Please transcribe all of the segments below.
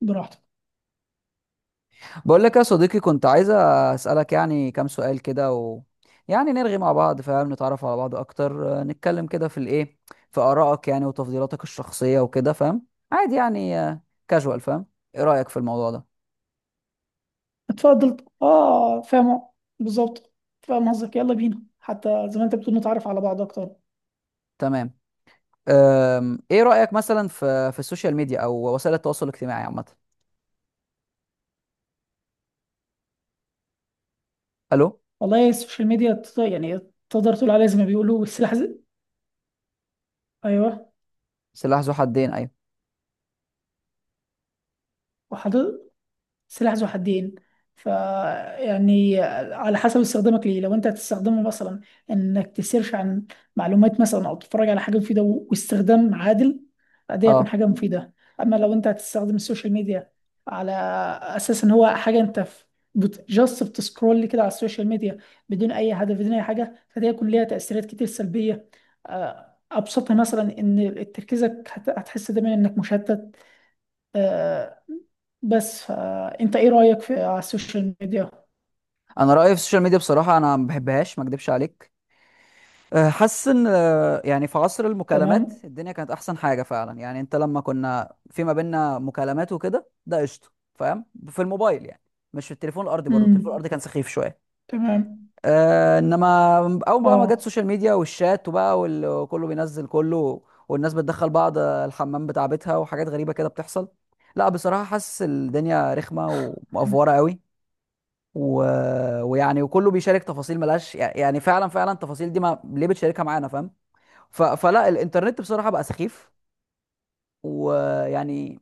براحتك. بقول لك يا صديقي، كنت عايز اسالك يعني كام سؤال كده و يعني نرغي مع بعض، فاهم، نتعرف على بعض اكتر، نتكلم كده في الايه، في ارائك يعني وتفضيلاتك الشخصيه وكده، فاهم؟ عادي يعني، كاجوال، فاهم؟ ايه رايك في الموضوع ده؟ اتفضل، اه، فاهم. بالظبط. فاهم قصدك، يلا بينا حتى زي ما انت بتقول نتعرف على بعض اكتر. تمام. ايه رايك مثلا في السوشيال ميديا او وسائل التواصل الاجتماعي عامه؟ الو؟ والله السوشيال ميديا يعني تقدر تقول عليها زي ما بيقولوا السلاح ايوه، سلاح ذو حدين، ايوه. وحضرتك سلاح ذو حدين. ف يعني على حسب استخدامك ليه، لو انت هتستخدمه مثلا انك تسيرش عن معلومات مثلا او تتفرج على حاجه مفيده واستخدام عادل، ده يكون اه، حاجه مفيده. اما لو انت هتستخدم السوشيال ميديا على اساس ان هو حاجه انت في، جاست بتسكرول كده على السوشيال ميديا بدون اي هدف بدون اي حاجه، فده يكون ليها تاثيرات كتير سلبيه. ابسطها مثلا ان تركيزك هتحس دايما انك مشتت. آه، بس فانت ايه رأيك في على السوشيال ميديا؟ انا رايي في السوشيال ميديا بصراحه، انا ما بحبهاش، ما اكدبش عليك. حاسس ان يعني في عصر المكالمات تمام. الدنيا كانت احسن حاجه فعلا، يعني انت لما كنا في ما بيننا مكالمات وكده، ده قشطه، فاهم؟ في الموبايل يعني، مش في التليفون الارضي. برضه التليفون امم. الارضي كان سخيف شويه. تمام. أه، انما اول بقى ما جت اه. السوشيال ميديا والشات وبقى وكله بينزل كله، والناس بتدخل بعض الحمام بتاع بيتها، وحاجات غريبه كده بتحصل. لا بصراحه حاسس الدنيا رخمه ومقفوره قوي. و... ويعني وكله بيشارك تفاصيل ملهاش، يعني فعلا فعلا التفاصيل دي ما ليه بتشاركها معانا، فاهم؟ فلا الانترنت بصراحه بقى سخيف. ويعني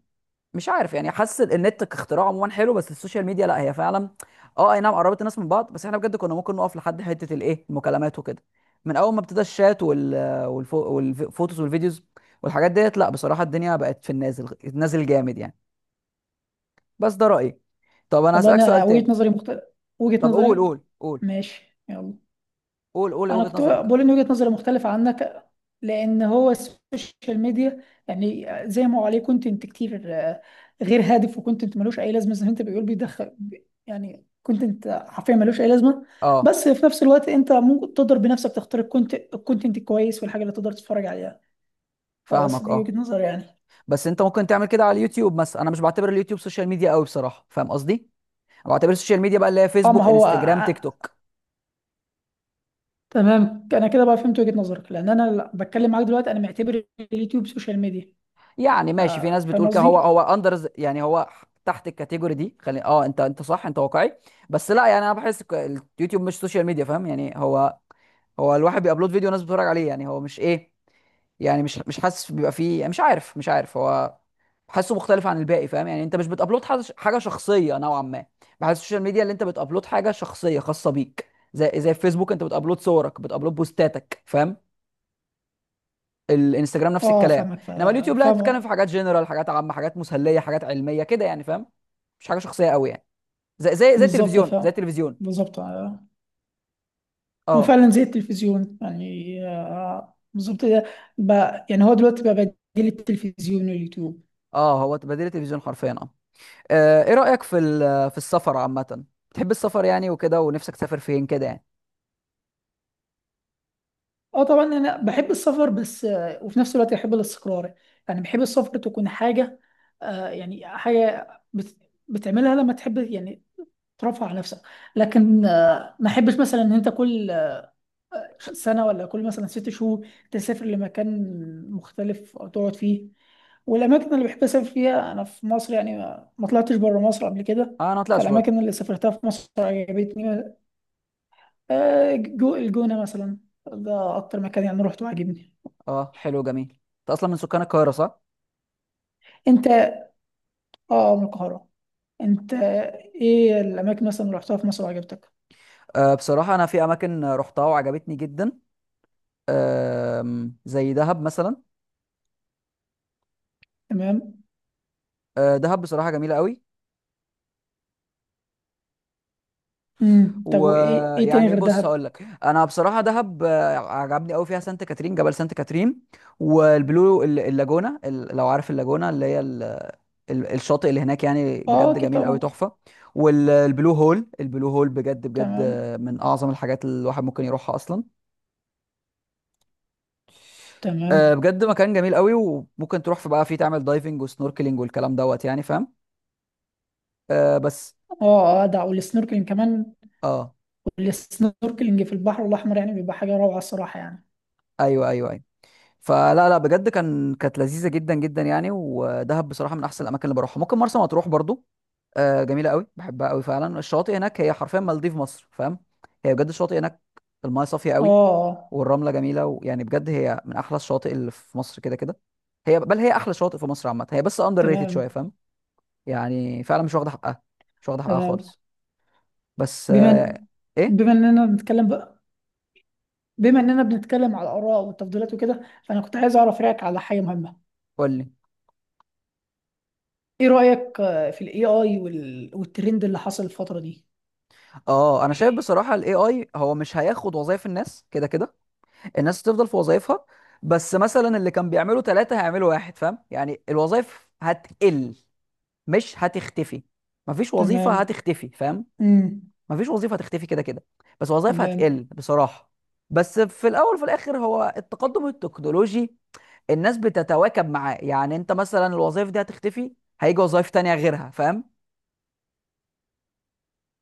مش عارف، يعني حاسس النت كاختراع عموما حلو، بس السوشيال ميديا لا، هي فعلا. اه، اي نعم قربت الناس من بعض، بس احنا بجد كنا ممكن نقف لحد حته الايه المكالمات وكده. من اول ما ابتدى الشات والفوتوز والفيديوز والحاجات ديت، لا بصراحه الدنيا بقت في النازل، نازل جامد يعني. بس ده رايي. طب انا والله هسالك سؤال انا تاني. وجهة نظري مختلف، وجهة طب قول نظري. قول قول ماشي، يلا. قول قول انا وجهه كنت نظرك. بقول ان وجهة نظري مختلفة عنك، لان هو السوشيال ميديا يعني زي ما هو عليه كونتنت كتير، غير هادف، وكونتنت ملوش اي لازمة زي ما انت بيقول بيدخل. يعني كونتنت حرفيا ملوش اي لازمة. اه بس في نفس الوقت انت ممكن تقدر بنفسك تختار الكونتنت الكويس والحاجة اللي تقدر تتفرج عليها. لا، بس فاهمك، دي اه. وجهة نظر يعني. بس انت ممكن تعمل كده على اليوتيوب مثلا. انا مش بعتبر اليوتيوب سوشيال ميديا قوي بصراحه، فاهم قصدي؟ بعتبر السوشيال ميديا بقى اللي هي اه، ما فيسبوك، هو، انستجرام، تيك توك. تمام. انا كده بقى فهمت وجهة نظرك، لان انا بتكلم معاك دلوقتي انا معتبر اليوتيوب سوشيال ميديا. يعني ف- ماشي، في ناس فاهم بتقول كده هو قصدي. هو اندر يعني، هو تحت الكاتيجوري دي، خلي، اه انت انت صح، انت واقعي. بس لا يعني انا بحس اليوتيوب مش سوشيال ميديا، فاهم يعني هو، هو الواحد بيابلود فيديو وناس بتتفرج عليه، يعني هو مش ايه، يعني مش حاسس بيبقى فيه، يعني مش عارف، هو بحسه مختلف عن الباقي، فاهم يعني؟ انت مش بتابلود حاجة شخصيه نوعا ما. بحس السوشيال ميديا اللي انت بتابلود حاجه شخصيه خاصه بيك، زي زي فيسبوك انت بتابلود صورك، بتابلود بوستاتك، فاهم؟ الانستجرام نفس اه، الكلام. انما اليوتيوب لا، بتتكلم في فاهم. حاجات جنرال، حاجات عامه، حاجات مسليه، حاجات علميه كده يعني، فاهم؟ مش حاجه شخصيه قوي يعني، زي زي زي بالظبط. التلفزيون، زي فاهم. التلفزيون. بالظبط. هو اه. فعلا زي التلفزيون، يعني آه بالظبط. ده بقى يعني هو دلوقتي بقى بديل التلفزيون واليوتيوب. اه هو بديل التلفزيون حرفيا، اه. ايه رايك في السفر عامه؟ بتحب السفر يعني وكده، ونفسك تسافر فين كده يعني؟ اه طبعا، انا بحب السفر بس آه، وفي نفس الوقت بحب الاستقرار. يعني بحب السفر تكون حاجة، آه يعني حاجة بتعملها لما تحب، يعني ترفع على نفسك. لكن ما احبش مثلا ان انت كل سنه ولا كل مثلا 6 شهور تسافر لمكان مختلف او تقعد فيه. والاماكن اللي بحب اسافر فيها انا في مصر، يعني ما طلعتش بره مصر قبل كده. اه انا ما طلعتش برضه. فالاماكن اللي سافرتها في مصر عجبتني. جو الجونه مثلا، ده اكتر مكان يعني روحته عجبني. اه حلو جميل. انت اصلا من سكان القاهره، صح؟ انت، اه من القاهره. انت، ايه الاماكن مثلا اللي رحتها في مصر وعجبتك؟ آه بصراحه انا في اماكن رحتها وعجبتني جدا. آه، زي دهب مثلا. تمام. آه دهب بصراحه جميله قوي. امم. طب وايه، ايه تاني ويعني غير بص دهب؟ هقول لك، انا بصراحه دهب عجبني قوي، فيها سانت كاترين، جبل سانت كاترين، والبلو اللاجونه، لو عارف اللاجونه اللي هي الشاطئ اللي هناك، يعني اه بجد اكيد جميل قوي، طبعا. تحفه. والبلو هول، البلو هول بجد بجد، تمام. من اعظم الحاجات اللي الواحد ممكن يروحها اصلا. تمام. بجد مكان جميل قوي، وممكن تروح في بقى فيه تعمل دايفنج وسنوركلينج والكلام دوت يعني، فاهم؟ بس اه اه ده، والسنوركلينج كمان. اه. والسنوركلينج في البحر الأحمر يعني بيبقى حاجة روعة، الصراحة يعني. ايوه ايوه أيوه. فلا لا بجد كان كانت لذيذه جدا جدا يعني، ودهب بصراحه من احسن الاماكن اللي بروحها. ممكن مرسى مطروح برضو، جميله قوي، بحبها قوي فعلا. الشواطئ هناك هي حرفيا مالديف مصر، فاهم؟ هي بجد الشواطئ هناك المايه صافيه اه. قوي، آه، والرمله جميله، ويعني بجد هي من احلى الشواطئ اللي في مصر كده كده. هي بل هي احلى شواطئ في مصر عامه، هي بس اندر ريتد تمام. شويه، فاهم؟ يعني فعلا مش واخده حقها، مش واخده حقها تمام. خالص. بس بما إن- ايه. بما اننا بنتكلم بقى، بما اننا بنتكلم على الآراء والتفضيلات وكده، فأنا كنت عايز أعرف رأيك على حاجة مهمة. قول لي. ايه رأيك في الاي اي والترند اللي حصل الفترة دي؟ اه انا شايف بصراحه الاي اي هو مش هياخد وظايف الناس كده كده. الناس هتفضل في وظائفها، بس مثلا اللي كان بيعمله ثلاثة هيعملوا واحد، فاهم؟ يعني الوظائف هتقل، مش هتختفي. مفيش وظيفة تمام. هتختفي، فاهم؟ امم. مفيش وظيفة هتختفي كده كده، بس وظائف تمام. هتقل بصراحة. بس في الأول وفي الآخر هو التقدم التكنولوجي الناس بتتواكب معاه، يعني أنت مثلا الوظائف دي هتختفي، هيجي وظائف تانية غيرها، فاهم؟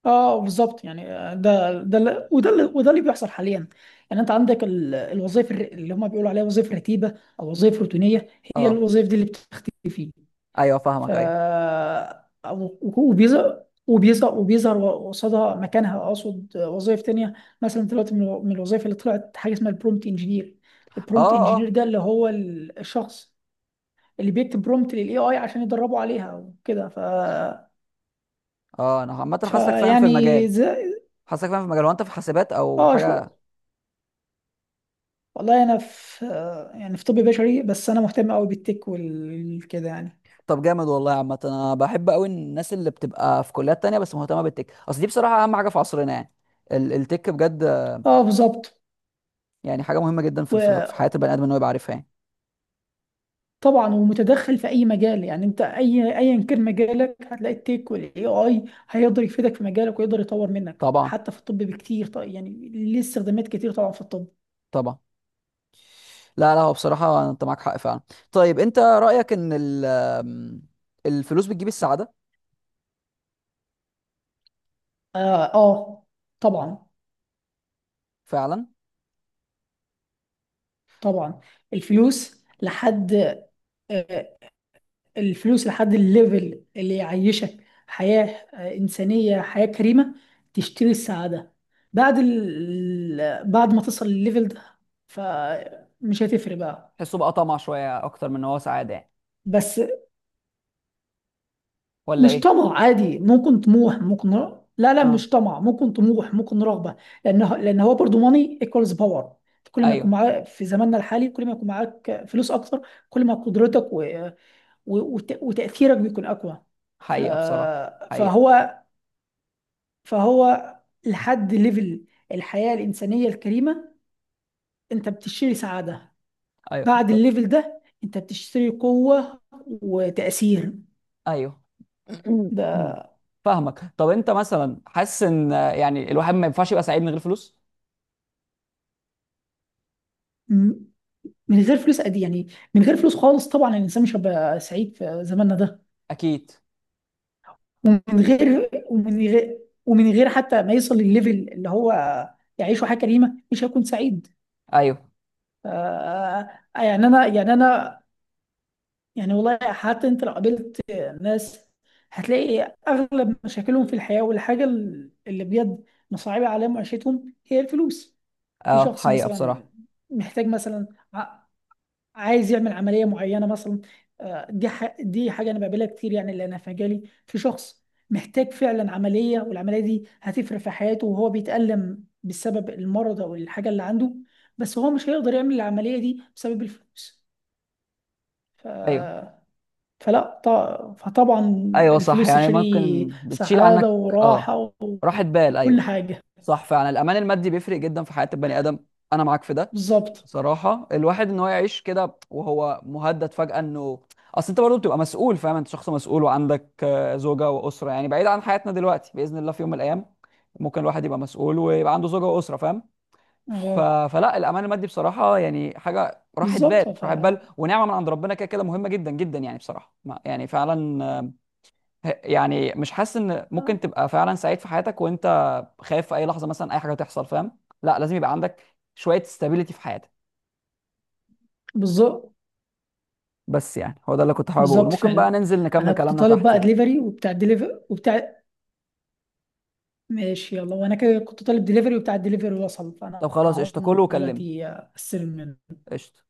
اه بالظبط، يعني وده اللي بيحصل حاليا. يعني انت عندك الوظائف اللي هم بيقولوا عليها وظائف رتيبه او وظائف روتينيه، هي اه الوظائف دي اللي بتختفي. ايوه ف فاهمك، ايوه. وبيظهر وبيظهر قصادها، مكانها اقصد، وظائف تانية. مثلا دلوقتي من من الوظائف اللي طلعت حاجه اسمها البرومت انجينير. اه البرومت انجينير اه ده اللي هو الشخص اللي بيكتب برومت للاي اي عشان يدربه عليها وكده. ف اه انا عامة حاسك فاهم في المجال، فيعني زي، حاسك فاهم في المجال، وانت في حاسبات او اه شو. حاجة؟ والله انا في، يعني في طب بشري، بس انا مهتم قوي بالتك والكده يعني. طب جامد والله يا عامة. انا بحب قوي الناس اللي بتبقى في كليات تانية بس مهتمة بالتك، اصل دي بصراحة اهم حاجة في عصرنا يعني، التك بجد. اه بالظبط. يعني حاجة مهمة جدا في حياة وطبعا، البني ادم ان هو يبقى عارفها يعني. ومتدخل في اي مجال، يعني انت اي، ايا كان مجالك هتلاقي التك والاي اي هيقدر يفيدك في مجالك ويقدر يطور منك، طبعا حتى في الطب بكتير طيب يعني ليه استخدامات كتير طبعا في الطب. طبعا. لا لا هو بصراحة انت معاك حق فعلا. طيب انت رأيك ان الفلوس بتجيب السعادة؟ اه, آه طبعا. فعلا. طبعا. الفلوس لحد، آه، الفلوس لحد الليفل اللي يعيشك حياة، إنسانية، حياة كريمة، تشتري السعادة. بعد ما تصل للليفل ده، فمش هتفرق بقى. تحسه بقى طمع شوية اكتر من ان هو سعادة يعني؟ بس ولا مش ايه؟ طمع عادي، ممكن طموح ممكن لا لا اه، مش طمع، ممكن طموح ممكن رغبة. لأن هو برضو ماني ايكوالز باور. كل ما يكون ايوه. معاك في زماننا الحالي، كل ما يكون معاك فلوس أكتر، كل ما قدرتك وتأثيرك بيكون أقوى. ف... حقيقة بصراحة. حقيقة. فهو فهو لحد ليفل الحياة الإنسانية الكريمة أنت بتشتري سعادة. ايوه. بعد الليفل ده أنت بتشتري قوة وتأثير. ايوه. ده فاهمك. طب انت مثلا حاسس ان يعني الواحد ما ينفعش يبقى سعيد من غير فلوس؟ م- من غير فلوس قد إيه؟ يعني من غير فلوس خالص طبعا الإنسان مش هيبقى سعيد في زماننا ده. اكيد. ومن غير ومن غير ومن غير حتى ما يصل للليفل اللي هو يعيشه حياة كريمة مش هيكون سعيد. ايوه. آه، يعني أنا يعني والله حتى انت لو قابلت ناس هتلاقي اغلب مشاكلهم في الحياة، والحاجة اللي بجد مصعبة عليهم عيشتهم هي الفلوس. في اه شخص حقيقة مثلا بصراحة. محتاج مثلا ع- عايز يعمل عملية معينة مثلا، دي دي حاجة انا بقابلها كتير يعني، اللي انا في مجالي في شخص محتاج فعلا عملية والعملية دي هتفرق في حياته وهو بيتألم بسبب المرض او الحاجة اللي عنده، بس هو مش هيقدر يعمل العملية دي بسبب الفلوس. ايوه. فلا فطبعا ايوه صح، الفلوس يعني تشتري ممكن بتشيل عنك. سعادة اه. وراحة راحة بال، وكل ايوه. حاجة. صح فعلا الامان المادي بيفرق جدا في حياة البني ادم، انا معاك في ده. بالظبط. صراحة الواحد ان هو يعيش كده وهو مهدد فجأة انه، اصل انت برضه بتبقى مسؤول، فاهم؟ انت شخص مسؤول، وعندك زوجة وأسرة يعني، بعيد عن حياتنا دلوقتي، بإذن الله في يوم من الأيام ممكن الواحد يبقى مسؤول ويبقى عنده زوجة وأسرة، فاهم؟ ف... اه فلا الأمان المادي بصراحة يعني حاجة، راحة بال بالظبط. ف راحة بال ونعمة من عند ربنا كده كده، مهمة جدا جدا يعني بصراحة. ما يعني فعلا، يعني مش حاسس ان ممكن آه، تبقى فعلا سعيد في حياتك وانت خايف في اي لحظة مثلا اي حاجة تحصل، فاهم؟ لا لازم يبقى عندك شوية استابيليتي في حياتك. بالظبط. بس يعني هو ده اللي كنت حابب اقوله. بالظبط ممكن بقى فعلا. ننزل نكمل انا كنت كلامنا طالب تحت بقى يعني. دليفري، وبتاع الدليفري وبتاع، ماشي يلا. وانا كده كنت طالب دليفري وبتاع الدليفري وصل، فانا طب خلاص قشطة، هقوم كله وكلمني. دلوقتي استلم منه. قشطة.